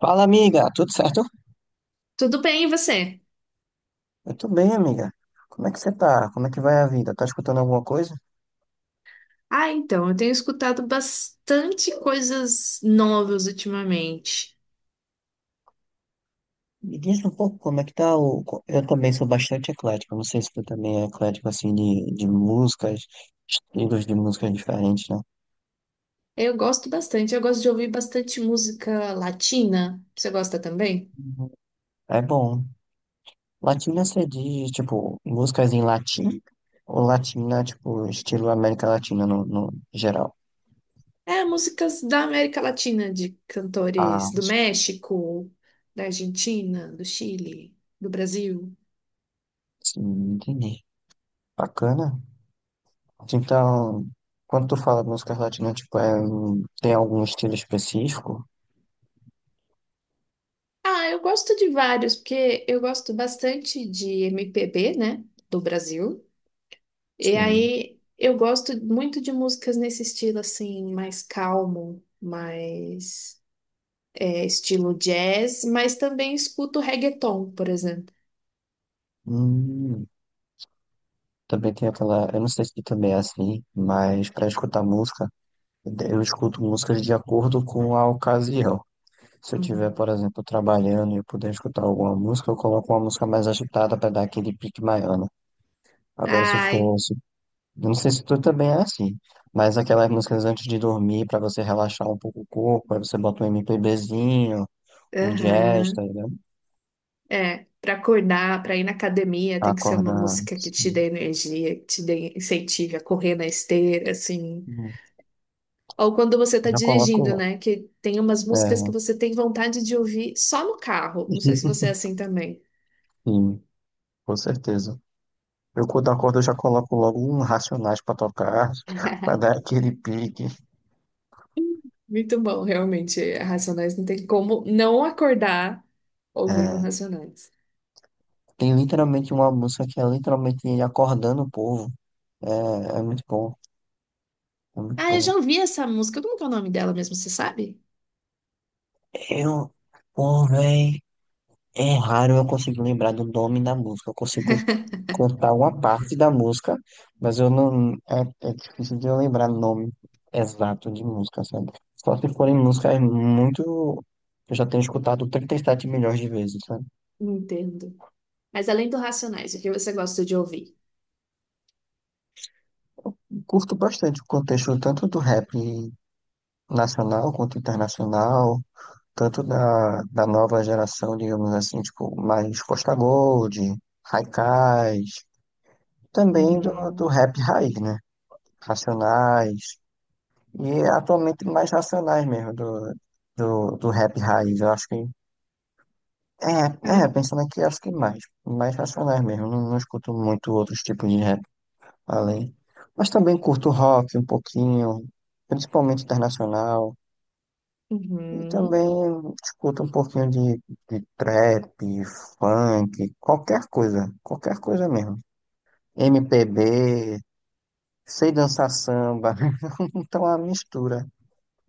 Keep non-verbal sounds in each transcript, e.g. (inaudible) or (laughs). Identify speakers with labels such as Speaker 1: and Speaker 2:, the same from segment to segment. Speaker 1: Fala, amiga, tudo certo?
Speaker 2: Tudo bem, e você?
Speaker 1: Eu tô bem, amiga. Como é que você tá? Como é que vai a vida? Tá escutando alguma coisa?
Speaker 2: Ah, então, eu tenho escutado bastante coisas novas ultimamente.
Speaker 1: Me diz um pouco como é que tá o... Eu também sou bastante eclético, não sei se tu também é eclético, assim, de músicas, estilos de músicas diferentes, né?
Speaker 2: Eu gosto bastante, eu gosto de ouvir bastante música latina. Você gosta também?
Speaker 1: Uhum. É bom. Latina você diz, tipo, músicas em latim? Ou latina, tipo, estilo América Latina no geral?
Speaker 2: É, músicas da América Latina, de cantores
Speaker 1: Ah,
Speaker 2: do México, da Argentina, do Chile, do Brasil.
Speaker 1: sim, entendi. Bacana. Então, quando tu fala de música latina, tipo, um- tem algum estilo específico?
Speaker 2: Ah, eu gosto de vários, porque eu gosto bastante de MPB, né, do Brasil. E
Speaker 1: Sim.
Speaker 2: aí eu gosto muito de músicas nesse estilo assim, mais calmo, mais estilo jazz, mas também escuto reggaeton, por exemplo.
Speaker 1: Hum, também tem aquela, eu não sei se tu também é assim, mas para escutar música, eu escuto músicas de acordo com a ocasião. Se eu tiver,
Speaker 2: Uhum.
Speaker 1: por exemplo, trabalhando e eu puder escutar alguma música, eu coloco uma música mais agitada para dar aquele pique maior, né? Agora, se eu
Speaker 2: Ai,
Speaker 1: fosse, eu não sei se tu também é assim, mas aquelas músicas antes de dormir, para você relaxar um pouco o corpo, aí você bota um MPBzinho. Ingesta,
Speaker 2: aham.
Speaker 1: né?
Speaker 2: É, para acordar, para ir na academia,
Speaker 1: Pra
Speaker 2: tem que ser uma
Speaker 1: acordar,
Speaker 2: música que te
Speaker 1: assim.
Speaker 2: dê energia, que te dê incentive a correr na esteira, assim.
Speaker 1: Hum,
Speaker 2: Ou quando você tá
Speaker 1: Já
Speaker 2: dirigindo,
Speaker 1: coloco
Speaker 2: né? Que tem umas
Speaker 1: lá.
Speaker 2: músicas que
Speaker 1: É,
Speaker 2: você tem vontade de ouvir só no carro. Não sei se
Speaker 1: (laughs)
Speaker 2: você é assim também.
Speaker 1: sim, com certeza. Eu quando acordo, eu já coloco logo um Racionais pra tocar, (laughs) pra
Speaker 2: (laughs)
Speaker 1: dar aquele pique.
Speaker 2: Muito bom, realmente. Racionais não tem como não acordar ouvindo
Speaker 1: É,
Speaker 2: Racionais.
Speaker 1: tem literalmente uma música que é literalmente ele acordando o povo. É, é muito bom, é muito
Speaker 2: Ah, eu já
Speaker 1: bom.
Speaker 2: ouvi essa música. Como que é o nome dela mesmo, você sabe?
Speaker 1: Eu pulei. É raro eu conseguir lembrar do nome da música. Eu consigo contar uma parte da música, mas eu não. É, é difícil de eu lembrar nome exato de música, sabe? Só se forem músicas muito. Eu já tenho escutado 37 milhões de vezes, sabe?
Speaker 2: Entendo. Mas além do Racionais, o que você gosta de ouvir?
Speaker 1: Curto bastante o contexto tanto do rap nacional quanto internacional, tanto da nova geração, digamos assim, tipo, mais Costa Gold, Haikais, também do
Speaker 2: Uhum.
Speaker 1: rap raiz, né? Racionais. E é atualmente mais racionais mesmo do, do rap raiz. Eu acho que. É, é,
Speaker 2: Ah,
Speaker 1: pensando aqui, acho que mais. Mais racionais mesmo. Não, não escuto muito outros tipos de rap além. Mas também curto rock um pouquinho, principalmente internacional. E
Speaker 2: uhum.
Speaker 1: também escuto um pouquinho de trap, funk, qualquer coisa. Qualquer coisa mesmo. MPB, sei dançar samba. (laughs) Então é uma mistura,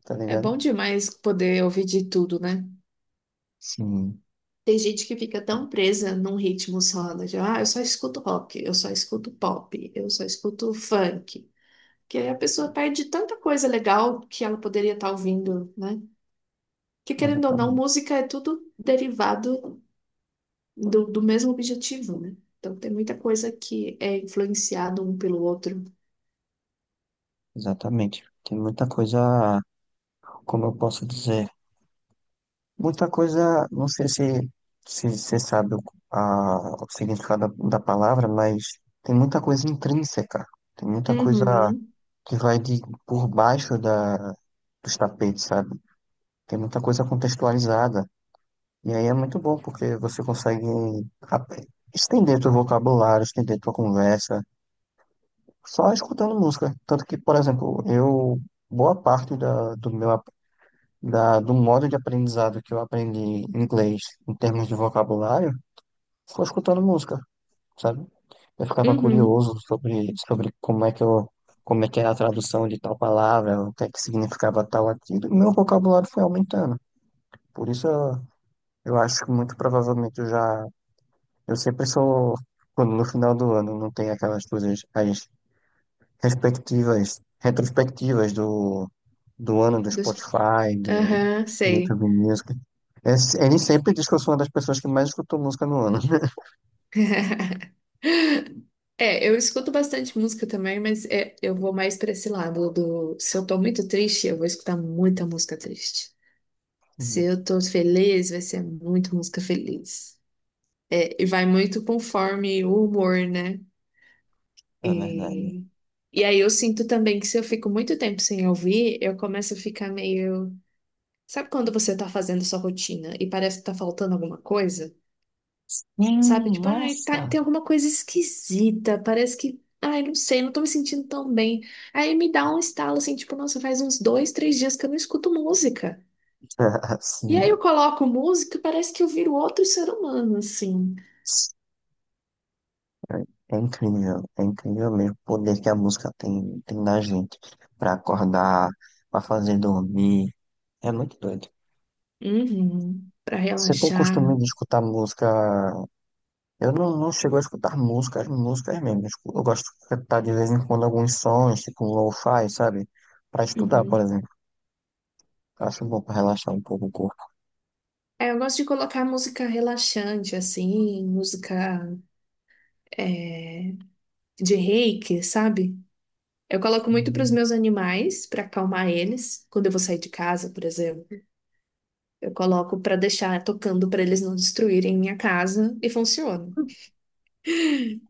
Speaker 1: tá
Speaker 2: É
Speaker 1: ligado?
Speaker 2: bom demais poder ouvir de tudo, né?
Speaker 1: Sim,
Speaker 2: Tem gente que fica tão presa num ritmo só, né? de, Ah, eu só escuto rock, eu só escuto pop, eu só escuto funk. Que aí a pessoa perde tanta coisa legal que ela poderia estar ouvindo, né? Que querendo ou não,
Speaker 1: exatamente.
Speaker 2: música é tudo derivado do mesmo objetivo, né? Então tem muita coisa que é influenciado um pelo outro.
Speaker 1: Exatamente. Tem muita coisa, como eu posso dizer, muita coisa, não sei se você sabe o, a, o significado da palavra, mas tem muita coisa intrínseca, tem muita coisa
Speaker 2: Uhum,
Speaker 1: que vai de por baixo da, dos tapetes, sabe? Tem muita coisa contextualizada. E aí é muito bom, porque você consegue ap- estender teu vocabulário, estender tua conversa, só escutando música. Tanto que, por exemplo, eu, boa parte da, do meu da, do modo de aprendizado que eu aprendi inglês em termos de vocabulário foi escutando música, sabe? Eu ficava
Speaker 2: uhum.
Speaker 1: curioso sobre como é que eu, como é que era a tradução de tal palavra, o que é que significava tal aquilo, e meu vocabulário foi aumentando. Por isso eu acho que muito provavelmente eu já, eu sempre sou, quando no final do ano não tem aquelas coisas, as respectivas, retrospectivas do, do ano do
Speaker 2: Dos-
Speaker 1: Spotify, do
Speaker 2: Aham, sei.
Speaker 1: YouTube Music. É, ele sempre diz que eu sou uma das pessoas que mais escutou música no ano.
Speaker 2: (laughs) É, eu escuto bastante música também, mas eu vou mais pra esse lado do. Se eu tô muito triste, eu vou escutar muita música triste. Se eu
Speaker 1: (laughs)
Speaker 2: tô feliz, vai ser muita música feliz. É, e vai muito conforme o humor, né?
Speaker 1: É verdade.
Speaker 2: E aí eu sinto também que se eu fico muito tempo sem ouvir, eu começo a ficar meio. Sabe quando você tá fazendo sua rotina e parece que tá faltando alguma coisa? Sabe? Tipo, ai, tá-
Speaker 1: Nossa!
Speaker 2: tem alguma coisa esquisita, parece que. Ai, não sei, não tô me sentindo tão bem. Aí me dá um estalo assim, tipo, nossa, faz uns dois, três dias que eu não escuto música.
Speaker 1: (laughs)
Speaker 2: E aí eu
Speaker 1: Sim.
Speaker 2: coloco música e parece que eu viro outro ser humano, assim.
Speaker 1: É incrível mesmo o poder que a música tem, tem na gente para acordar, para fazer dormir. É muito doido.
Speaker 2: Uhum. Pra
Speaker 1: Você tem
Speaker 2: relaxar.
Speaker 1: costume de escutar música? Eu não, não chego a escutar músicas, músicas mesmo. Eu gosto de escutar de vez em quando alguns sons, tipo um lo-fi, sabe? Pra estudar, por
Speaker 2: Uhum.
Speaker 1: exemplo. Eu acho bom pra relaxar um pouco o corpo.
Speaker 2: É, eu gosto de colocar música relaxante, assim, música. é, de reiki, sabe? Eu coloco muito para os
Speaker 1: Hum.
Speaker 2: meus animais, para acalmar eles, quando eu vou sair de casa, por exemplo. Eu coloco para deixar tocando para eles não destruírem minha casa e funciona.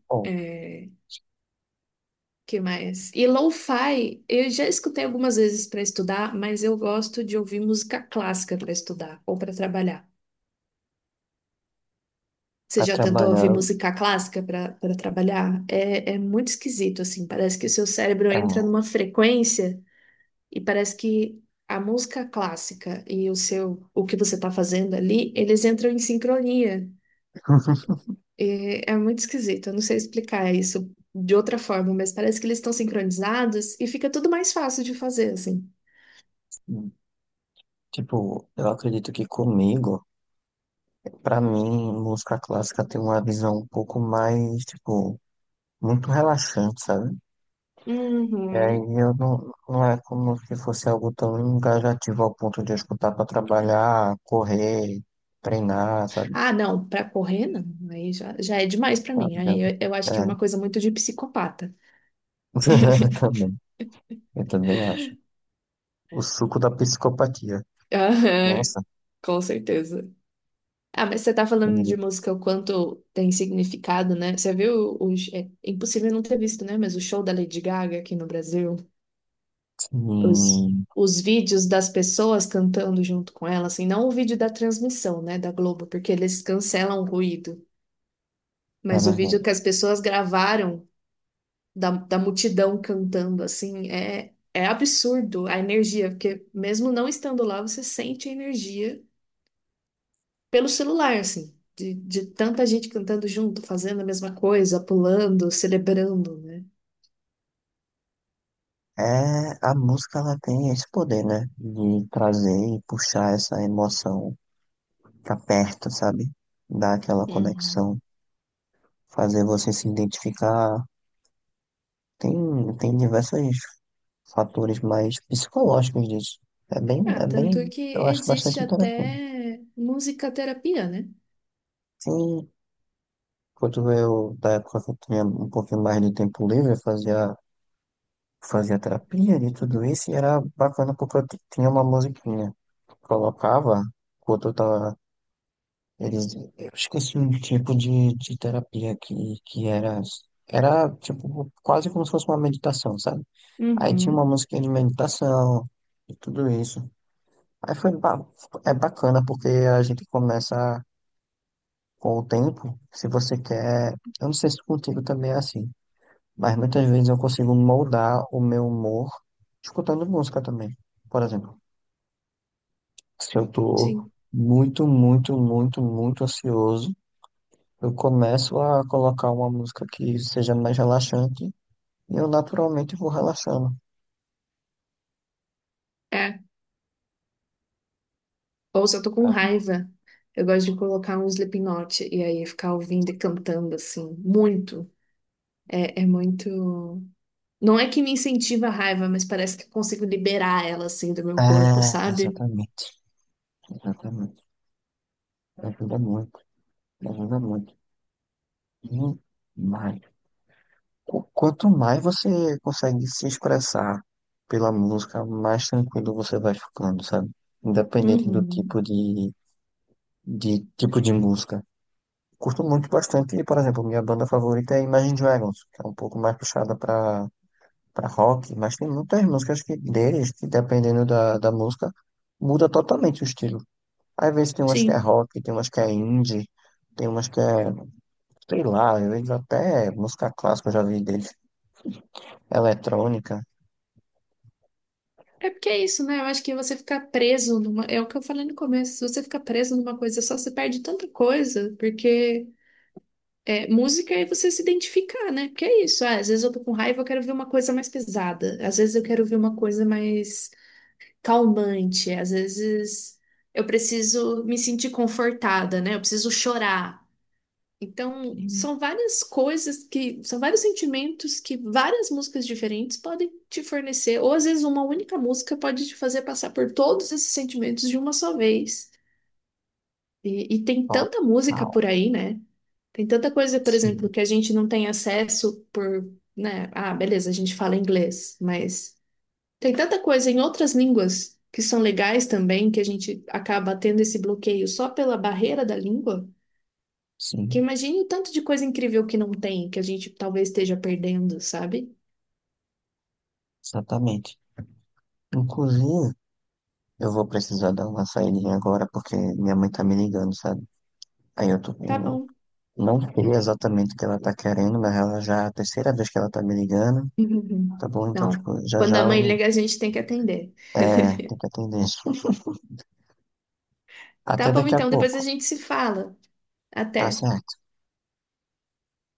Speaker 1: Bom,
Speaker 2: É, que mais? E lo-fi, eu já escutei algumas vezes para estudar, mas eu gosto de ouvir música clássica para estudar ou para trabalhar. Você
Speaker 1: pra
Speaker 2: já tentou ouvir
Speaker 1: trabalhar,
Speaker 2: música clássica para trabalhar? É, é muito esquisito, assim. Parece que o seu cérebro
Speaker 1: é,
Speaker 2: entra numa frequência. E parece que a música clássica e o seu, o que você está fazendo ali, eles entram em sincronia. E é muito esquisito, eu não sei explicar isso de outra forma, mas parece que eles estão sincronizados e fica tudo mais fácil de fazer, assim.
Speaker 1: tipo, eu acredito que comigo, pra mim, música clássica tem uma visão um pouco mais, tipo, muito relaxante, sabe? E aí
Speaker 2: Uhum.
Speaker 1: eu não, não é como se fosse algo tão engajativo ao ponto de eu escutar pra trabalhar, correr, treinar, sabe?
Speaker 2: Ah, não, para correr não, aí já é demais para
Speaker 1: Tá
Speaker 2: mim. Aí
Speaker 1: ligado?
Speaker 2: eu acho
Speaker 1: É,
Speaker 2: que é uma coisa muito de psicopata.
Speaker 1: (laughs) também, eu também acho. O suco da psicopatia.
Speaker 2: Aham,
Speaker 1: Nossa,
Speaker 2: com certeza. Ah, mas você tá falando de
Speaker 1: e,
Speaker 2: música o quanto tem significado, né? Você viu os... É é impossível não ter visto, né? Mas o show da Lady Gaga aqui no Brasil, os,
Speaker 1: e,
Speaker 2: os vídeos das pessoas cantando junto com ela, assim, não o vídeo da transmissão, né, da Globo, porque eles cancelam o ruído,
Speaker 1: é
Speaker 2: mas o vídeo
Speaker 1: verdade.
Speaker 2: que as pessoas gravaram da multidão cantando, assim, é, é absurdo a energia, porque mesmo não estando lá, você sente a energia pelo celular, assim, de tanta gente cantando junto, fazendo a mesma coisa, pulando, celebrando, né?
Speaker 1: É, a música ela tem esse poder, né? De trazer e puxar essa emoção pra perto, sabe? Dar aquela
Speaker 2: Uhum.
Speaker 1: conexão, fazer você se identificar. Tem diversos fatores mais psicológicos disso. É bem,
Speaker 2: Ah,
Speaker 1: é
Speaker 2: tanto
Speaker 1: bem,
Speaker 2: que
Speaker 1: eu acho
Speaker 2: existe
Speaker 1: bastante interessante.
Speaker 2: até musicaterapia, né?
Speaker 1: Sim. Quando eu, da época que eu tinha um pouquinho mais de tempo livre, eu fazia, fazia terapia de tudo isso e era bacana porque tinha uma musiquinha. Colocava, quando eu tava, eles, eu esqueci um tipo de terapia que era, era tipo quase como se fosse uma meditação, sabe? Aí tinha uma
Speaker 2: Uhum.
Speaker 1: musiquinha de meditação e tudo isso. Aí foi, ba- É bacana porque a gente começa com o tempo, se você quer, eu não sei se contigo também é assim. Mas muitas vezes eu consigo moldar o meu humor escutando música também. Por exemplo, se eu tô
Speaker 2: Sim.
Speaker 1: muito, muito, muito, muito ansioso, eu começo a colocar uma música que seja mais relaxante e eu naturalmente vou relaxando.
Speaker 2: É. Ou se eu tô com raiva, eu gosto de colocar um Slipknot e aí ficar ouvindo e cantando, assim, muito. É, é muito. Não é que me incentiva a raiva, mas parece que eu consigo liberar ela, assim, do meu corpo,
Speaker 1: É,
Speaker 2: sabe?
Speaker 1: exatamente, exatamente. Ajuda muito, ajuda muito. E mais, quanto mais você consegue se expressar pela música, mais tranquilo você vai ficando, sabe? Independente do tipo
Speaker 2: Uhum.
Speaker 1: de tipo de música. Curto muito bastante, e, por exemplo, minha banda favorita é Imagine Dragons, que é um pouco mais puxada para para rock, mas tem muitas músicas que deles que dependendo da música muda totalmente o estilo. Às vezes tem umas que é
Speaker 2: Sim.
Speaker 1: rock, tem umas que é indie, tem umas que é, sei lá, às vezes até música clássica eu já vi deles, eletrônica.
Speaker 2: É porque é isso, né? Eu acho que você ficar preso numa. É o que eu falei no começo. Se você ficar preso numa coisa só, você perde tanta coisa. Porque é, música é você se identificar, né? Porque é isso. Ah, às vezes eu tô com raiva, eu quero ver uma coisa mais pesada. Às vezes eu quero ver uma coisa mais calmante. Às vezes eu preciso me sentir confortada, né? Eu preciso chorar. Então,
Speaker 1: Sim.
Speaker 2: são várias coisas que, são vários sentimentos que várias músicas diferentes podem te fornecer, ou às vezes uma única música pode te fazer passar por todos esses sentimentos de uma só vez. E tem tanta música
Speaker 1: Total.
Speaker 2: por aí, né? Tem tanta coisa, por exemplo,
Speaker 1: Sim,
Speaker 2: que a gente não tem acesso por, né? Ah, beleza, a gente fala inglês, mas tem tanta coisa em outras línguas que são legais também, que a gente acaba tendo esse bloqueio só pela barreira da língua. Que
Speaker 1: sim,
Speaker 2: imagine o tanto de coisa incrível que não tem, que a gente talvez esteja perdendo, sabe?
Speaker 1: exatamente. Inclusive, eu vou precisar dar uma saída agora porque minha mãe tá me ligando, sabe? Aí eu tô,
Speaker 2: Tá bom.
Speaker 1: não sei exatamente o que ela tá querendo, mas ela já é a terceira vez que ela tá me ligando.
Speaker 2: (laughs)
Speaker 1: Tá bom, então,
Speaker 2: Não.
Speaker 1: tipo, já
Speaker 2: Quando
Speaker 1: já
Speaker 2: a mãe
Speaker 1: eu
Speaker 2: liga, a gente tem que atender.
Speaker 1: tenho que atender.
Speaker 2: Tá
Speaker 1: Até
Speaker 2: bom,
Speaker 1: daqui a
Speaker 2: então, depois a
Speaker 1: pouco.
Speaker 2: gente se fala.
Speaker 1: Tá
Speaker 2: Até.
Speaker 1: certo.